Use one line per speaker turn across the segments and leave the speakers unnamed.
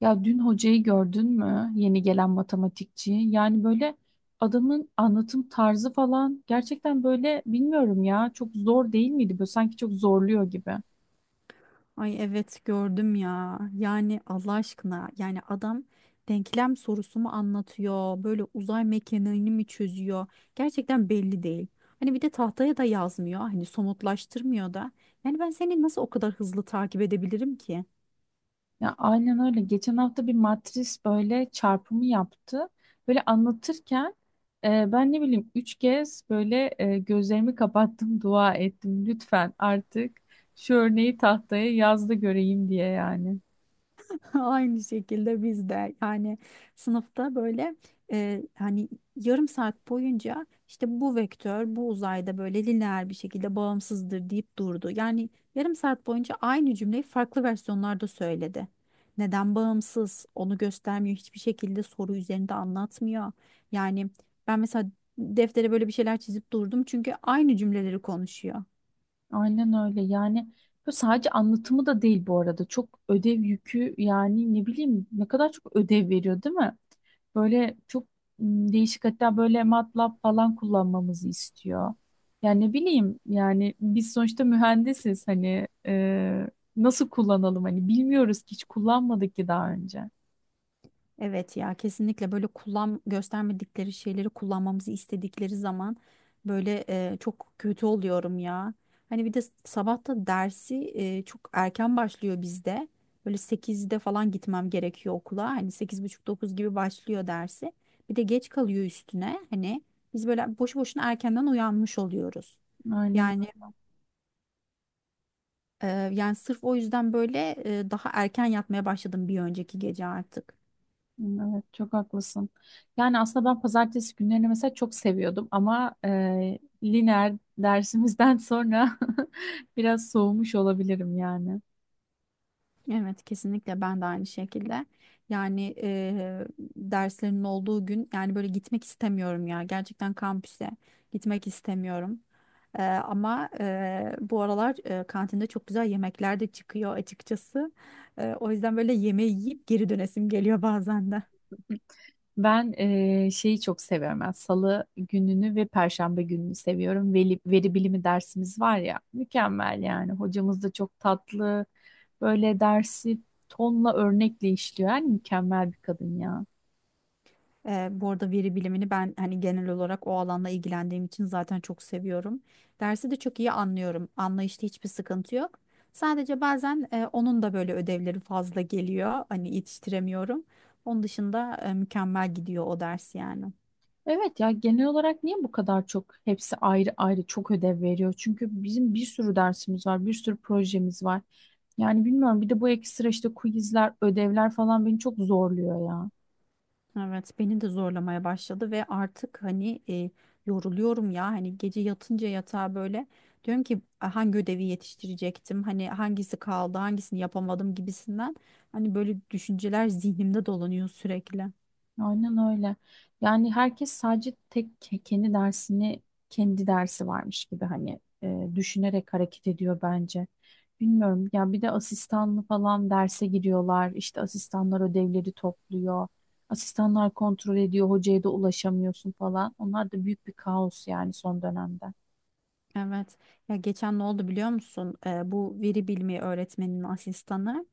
Ya dün hocayı gördün mü? Yeni gelen matematikçi. Yani böyle adamın anlatım tarzı falan gerçekten böyle bilmiyorum ya, çok zor değil miydi? Böyle sanki çok zorluyor gibi.
Ay evet gördüm ya. Yani Allah aşkına yani adam denklem sorusu mu anlatıyor? Böyle uzay mekaniğini mi çözüyor? Gerçekten belli değil. Hani bir de tahtaya da yazmıyor. Hani somutlaştırmıyor da. Yani ben seni nasıl o kadar hızlı takip edebilirim ki?
Ya aynen öyle. Geçen hafta bir matris böyle çarpımı yaptı. Böyle anlatırken ben ne bileyim üç kez böyle gözlerimi kapattım, dua ettim. Lütfen artık şu örneği tahtaya yaz da göreyim diye yani.
Aynı şekilde biz de yani sınıfta böyle hani yarım saat boyunca işte bu vektör bu uzayda böyle lineer bir şekilde bağımsızdır deyip durdu. Yani yarım saat boyunca aynı cümleyi farklı versiyonlarda söyledi. Neden bağımsız onu göstermiyor, hiçbir şekilde soru üzerinde anlatmıyor. Yani ben mesela deftere böyle bir şeyler çizip durdum çünkü aynı cümleleri konuşuyor.
Aynen öyle yani, bu sadece anlatımı da değil bu arada, çok ödev yükü yani, ne bileyim ne kadar çok ödev veriyor değil mi? Böyle çok değişik, hatta böyle MATLAB falan kullanmamızı istiyor. Yani ne bileyim yani, biz sonuçta mühendisiz hani, nasıl kullanalım, hani bilmiyoruz ki, hiç kullanmadık ki daha önce.
Evet ya kesinlikle böyle kullan göstermedikleri şeyleri kullanmamızı istedikleri zaman böyle çok kötü oluyorum ya. Hani bir de sabah da dersi çok erken başlıyor bizde. Böyle sekizde falan gitmem gerekiyor okula. Hani sekiz buçuk dokuz gibi başlıyor dersi. Bir de geç kalıyor üstüne. Hani biz böyle boşu boşuna erkenden uyanmış oluyoruz.
Aynen.
Yani e, yani sırf o yüzden böyle daha erken yatmaya başladım bir önceki gece artık.
Hmm, evet, çok haklısın. Yani aslında ben pazartesi günlerini mesela çok seviyordum ama lineer dersimizden sonra biraz soğumuş olabilirim yani.
Evet kesinlikle ben de aynı şekilde. Yani derslerin olduğu gün yani böyle gitmek istemiyorum ya. Gerçekten kampüse gitmek istemiyorum. Ama bu aralar kantinde çok güzel yemekler de çıkıyor açıkçası. O yüzden böyle yemeği yiyip geri dönesim geliyor bazen de.
Ben şeyi çok seviyorum. Yani salı gününü ve perşembe gününü seviyorum. Veri bilimi dersimiz var ya, mükemmel yani. Hocamız da çok tatlı. Böyle dersi tonla örnekle işliyor. Yani mükemmel bir kadın ya.
Bu arada veri bilimini ben hani genel olarak o alanla ilgilendiğim için zaten çok seviyorum. Dersi de çok iyi anlıyorum. Anlayışta hiçbir sıkıntı yok. Sadece bazen onun da böyle ödevleri fazla geliyor. Hani yetiştiremiyorum. Onun dışında mükemmel gidiyor o ders yani.
Evet ya, genel olarak niye bu kadar çok hepsi ayrı ayrı çok ödev veriyor? Çünkü bizim bir sürü dersimiz var, bir sürü projemiz var. Yani bilmiyorum, bir de bu ekstra işte quizler, ödevler falan beni çok zorluyor ya.
Evet, beni de zorlamaya başladı ve artık hani yoruluyorum ya, hani gece yatınca yatağa böyle diyorum ki "A, hangi ödevi yetiştirecektim, hani hangisi kaldı, hangisini yapamadım" gibisinden, hani böyle düşünceler zihnimde dolanıyor sürekli.
Aynen öyle. Yani herkes sadece kendi dersini, kendi dersi varmış gibi hani, düşünerek hareket ediyor bence. Bilmiyorum ya, bir de asistanlı falan derse giriyorlar. İşte asistanlar ödevleri topluyor. Asistanlar kontrol ediyor. Hocaya da ulaşamıyorsun falan. Onlar da büyük bir kaos yani son dönemde.
Evet ya geçen ne oldu biliyor musun? Bu veri bilimi öğretmeninin asistanı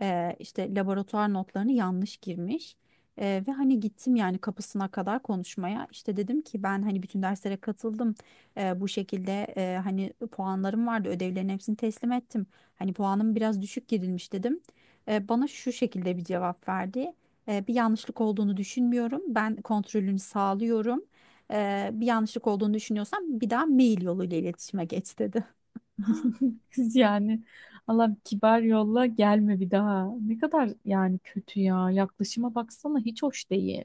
İşte laboratuvar notlarını yanlış girmiş. Ve hani gittim yani kapısına kadar konuşmaya. İşte dedim ki ben hani bütün derslere katıldım. Bu şekilde hani puanlarım vardı. Ödevlerin hepsini teslim ettim. Hani puanım biraz düşük girilmiş dedim. Bana şu şekilde bir cevap verdi. Bir yanlışlık olduğunu düşünmüyorum. Ben kontrolünü sağlıyorum. Bir yanlışlık olduğunu düşünüyorsam bir daha mail yoluyla iletişime geç dedi.
Kız yani, Allah kibar, yolla gelme bir daha. Ne kadar yani kötü ya. Yaklaşıma baksana, hiç hoş değil.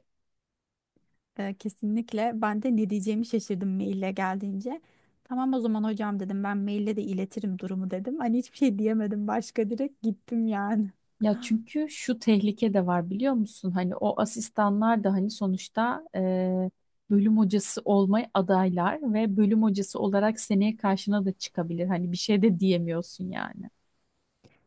Kesinlikle. Ben de ne diyeceğimi şaşırdım maille geldiğince. Tamam o zaman hocam dedim, ben maille de iletirim durumu dedim. Hani hiçbir şey diyemedim başka, direkt gittim yani.
Ya çünkü şu tehlike de var biliyor musun? Hani o asistanlar da hani sonuçta bölüm hocası olmaya adaylar ve bölüm hocası olarak seneye karşına da çıkabilir. Hani bir şey de diyemiyorsun yani.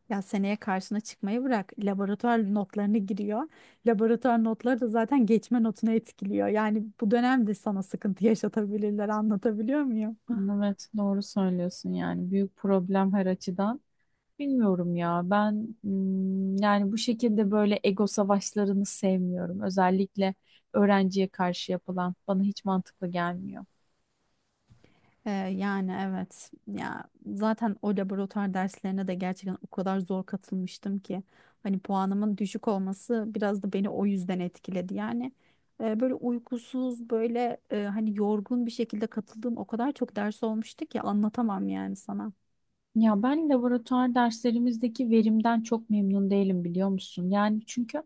Ya seneye karşına çıkmayı bırak. Laboratuvar notlarını giriyor. Laboratuvar notları da zaten geçme notunu etkiliyor. Yani bu dönemde sana sıkıntı yaşatabilirler, anlatabiliyor muyum?
Evet, doğru söylüyorsun yani, büyük problem her açıdan. Bilmiyorum ya, ben yani bu şekilde böyle ego savaşlarını sevmiyorum. Özellikle öğrenciye karşı yapılan bana hiç mantıklı gelmiyor.
Yani evet ya, zaten o laboratuvar derslerine de gerçekten o kadar zor katılmıştım ki hani puanımın düşük olması biraz da beni o yüzden etkiledi yani. Böyle uykusuz, böyle hani yorgun bir şekilde katıldığım o kadar çok ders olmuştu ki anlatamam yani sana.
Ya ben laboratuvar derslerimizdeki verimden çok memnun değilim biliyor musun? Yani çünkü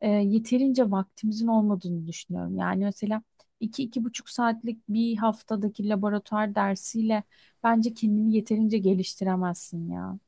yeterince vaktimizin olmadığını düşünüyorum. Yani mesela iki, iki buçuk saatlik bir haftadaki laboratuvar dersiyle bence kendini yeterince geliştiremezsin ya.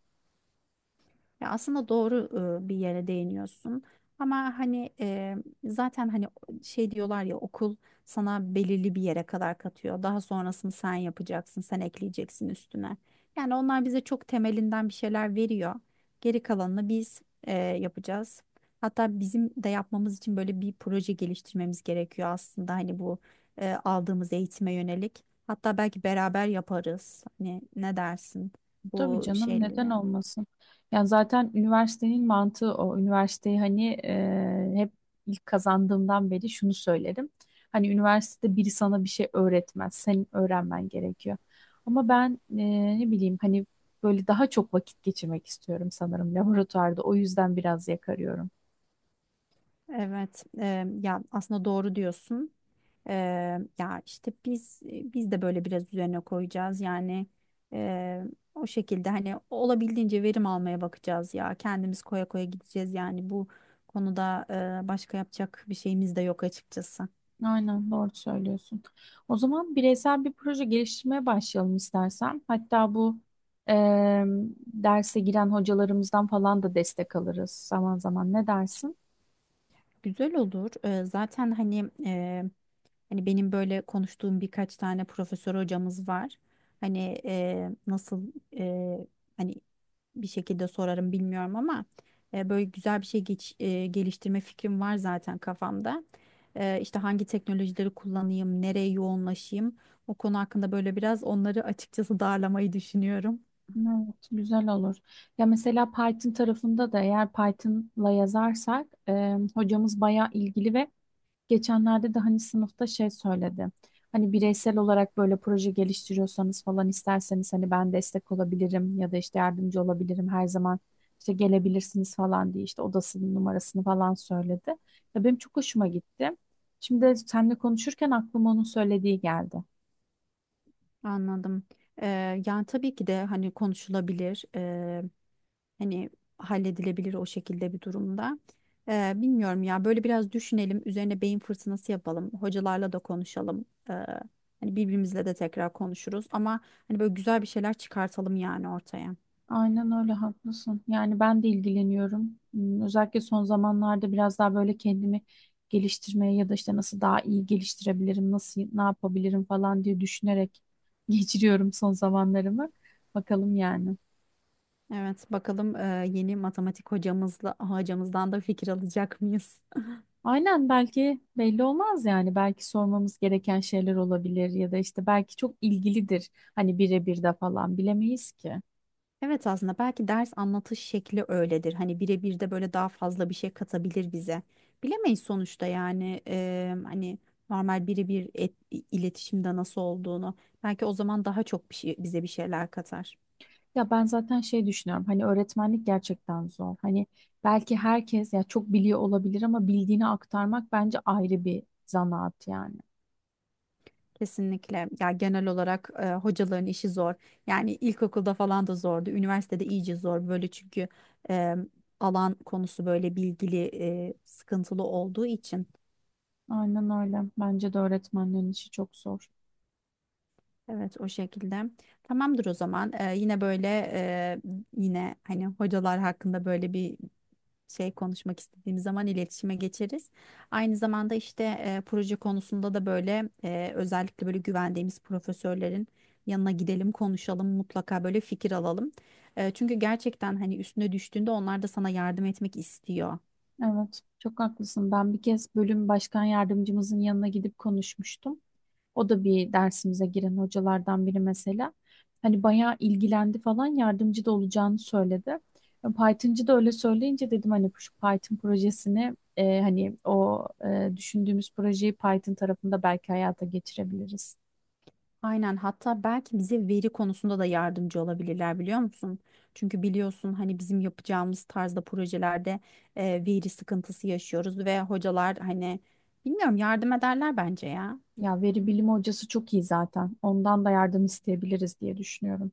Ya aslında doğru bir yere değiniyorsun. Ama hani zaten hani şey diyorlar ya, okul sana belirli bir yere kadar katıyor. Daha sonrasını sen yapacaksın, sen ekleyeceksin üstüne. Yani onlar bize çok temelinden bir şeyler veriyor. Geri kalanını biz yapacağız. Hatta bizim de yapmamız için böyle bir proje geliştirmemiz gerekiyor aslında, hani bu aldığımız eğitime yönelik. Hatta belki beraber yaparız. Hani ne dersin
Tabii
bu
canım, neden
şeylere?
olmasın? Yani zaten üniversitenin mantığı o. Üniversiteyi hani, hep ilk kazandığımdan beri şunu söylerim. Hani üniversitede biri sana bir şey öğretmez. Senin öğrenmen gerekiyor. Ama ben ne bileyim hani, böyle daha çok vakit geçirmek istiyorum sanırım laboratuvarda. O yüzden biraz yakarıyorum.
Evet, ya aslında doğru diyorsun. E, Ya işte biz de böyle biraz üzerine koyacağız. Yani e, o şekilde hani olabildiğince verim almaya bakacağız ya. Kendimiz koya koya gideceğiz yani bu konuda, başka yapacak bir şeyimiz de yok açıkçası.
Aynen, doğru söylüyorsun. O zaman bireysel bir proje geliştirmeye başlayalım istersen. Hatta bu eee, derse giren hocalarımızdan falan da destek alırız zaman zaman. Ne dersin?
Güzel olur. Zaten hani hani benim böyle konuştuğum birkaç tane profesör hocamız var. Hani nasıl e, hani bir şekilde sorarım bilmiyorum ama böyle güzel bir şey geliştirme fikrim var zaten kafamda. İşte hangi teknolojileri kullanayım, nereye yoğunlaşayım, o konu hakkında böyle biraz onları açıkçası darlamayı düşünüyorum.
Evet, güzel olur. Ya mesela Python tarafında da, eğer Python'la yazarsak hocamız bayağı ilgili ve geçenlerde de hani sınıfta şey söyledi. Hani bireysel olarak böyle proje geliştiriyorsanız falan, isterseniz hani ben destek olabilirim ya da işte yardımcı olabilirim her zaman, işte gelebilirsiniz falan diye işte odasının numarasını falan söyledi. Ya benim çok hoşuma gitti. Şimdi seninle konuşurken aklıma onun söylediği geldi.
Anladım. E, Yani tabii ki de hani konuşulabilir. Hani halledilebilir o şekilde bir durumda. Bilmiyorum ya, böyle biraz düşünelim. Üzerine beyin fırtınası yapalım. Hocalarla da konuşalım. Ee, Hani birbirimizle de tekrar konuşuruz. Ama hani böyle güzel bir şeyler çıkartalım yani ortaya.
Aynen öyle, haklısın. Yani ben de ilgileniyorum. Hmm, özellikle son zamanlarda biraz daha böyle kendimi geliştirmeye ya da işte nasıl daha iyi geliştirebilirim, nasıl ne yapabilirim falan diye düşünerek geçiriyorum son zamanlarımı. Bakalım yani.
Evet bakalım, yeni matematik hocamızla hocamızdan da fikir alacak mıyız?
Aynen, belki belli olmaz yani. Belki sormamız gereken şeyler olabilir ya da işte belki çok ilgilidir. Hani birebir de falan bilemeyiz ki.
Evet aslında belki ders anlatış şekli öyledir. Hani birebir de böyle daha fazla bir şey katabilir bize. Bilemeyiz sonuçta yani hani normal birebir iletişimde nasıl olduğunu. Belki o zaman daha çok bir şey, bize bir şeyler katar.
Ya ben zaten şey düşünüyorum, hani öğretmenlik gerçekten zor. Hani belki herkes ya çok biliyor olabilir ama bildiğini aktarmak bence ayrı bir zanaat yani.
Kesinlikle. Ya genel olarak hocaların işi zor. Yani ilkokulda falan da zordu. Üniversitede iyice zor böyle çünkü eee, alan konusu böyle bilgili, sıkıntılı olduğu için.
Aynen öyle. Bence de öğretmenlerin işi çok zor.
Evet o şekilde. Tamamdır o zaman. Yine böyle e, yine hani hocalar hakkında böyle bir şey konuşmak istediğimiz zaman iletişime geçeriz. Aynı zamanda işte proje konusunda da böyle özellikle böyle güvendiğimiz profesörlerin yanına gidelim, konuşalım, mutlaka böyle fikir alalım. Çünkü gerçekten hani üstüne düştüğünde onlar da sana yardım etmek istiyor.
Evet, çok haklısın. Ben bir kez bölüm başkan yardımcımızın yanına gidip konuşmuştum. O da bir dersimize giren hocalardan biri mesela. Hani bayağı ilgilendi falan, yardımcı da olacağını söyledi. E, Python'cı da öyle söyleyince dedim hani şu Python projesini, hani o düşündüğümüz projeyi Python tarafında belki hayata geçirebiliriz.
Aynen, hatta belki bize veri konusunda da yardımcı olabilirler biliyor musun? Çünkü biliyorsun hani bizim yapacağımız tarzda projelerde veri sıkıntısı yaşıyoruz ve hocalar hani bilmiyorum, yardım ederler bence ya.
Ya veri bilimi hocası çok iyi zaten. Ondan da yardım isteyebiliriz diye düşünüyorum.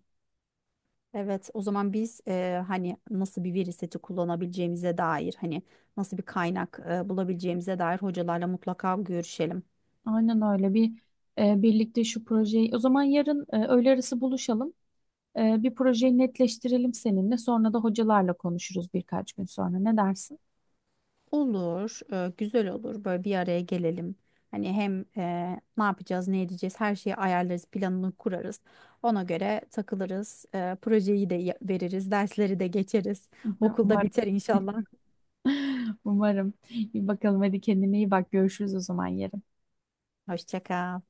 Evet o zaman biz hani nasıl bir veri seti kullanabileceğimize dair, hani nasıl bir kaynak bulabileceğimize dair hocalarla mutlaka görüşelim.
Aynen öyle, bir birlikte şu projeyi o zaman yarın, öğle arası buluşalım. Bir projeyi netleştirelim seninle. Sonra da hocalarla konuşuruz birkaç gün sonra. Ne dersin?
Olur, güzel olur. Böyle bir araya gelelim. Hani hem ne yapacağız, ne edeceğiz, her şeyi ayarlarız, planını kurarız. Ona göre takılırız. Projeyi de veririz, dersleri de geçeriz. Okulda
Umarım.
biter inşallah.
Umarım. İyi, bakalım hadi, kendine iyi bak. Görüşürüz o zaman yarın.
Hoşça kal.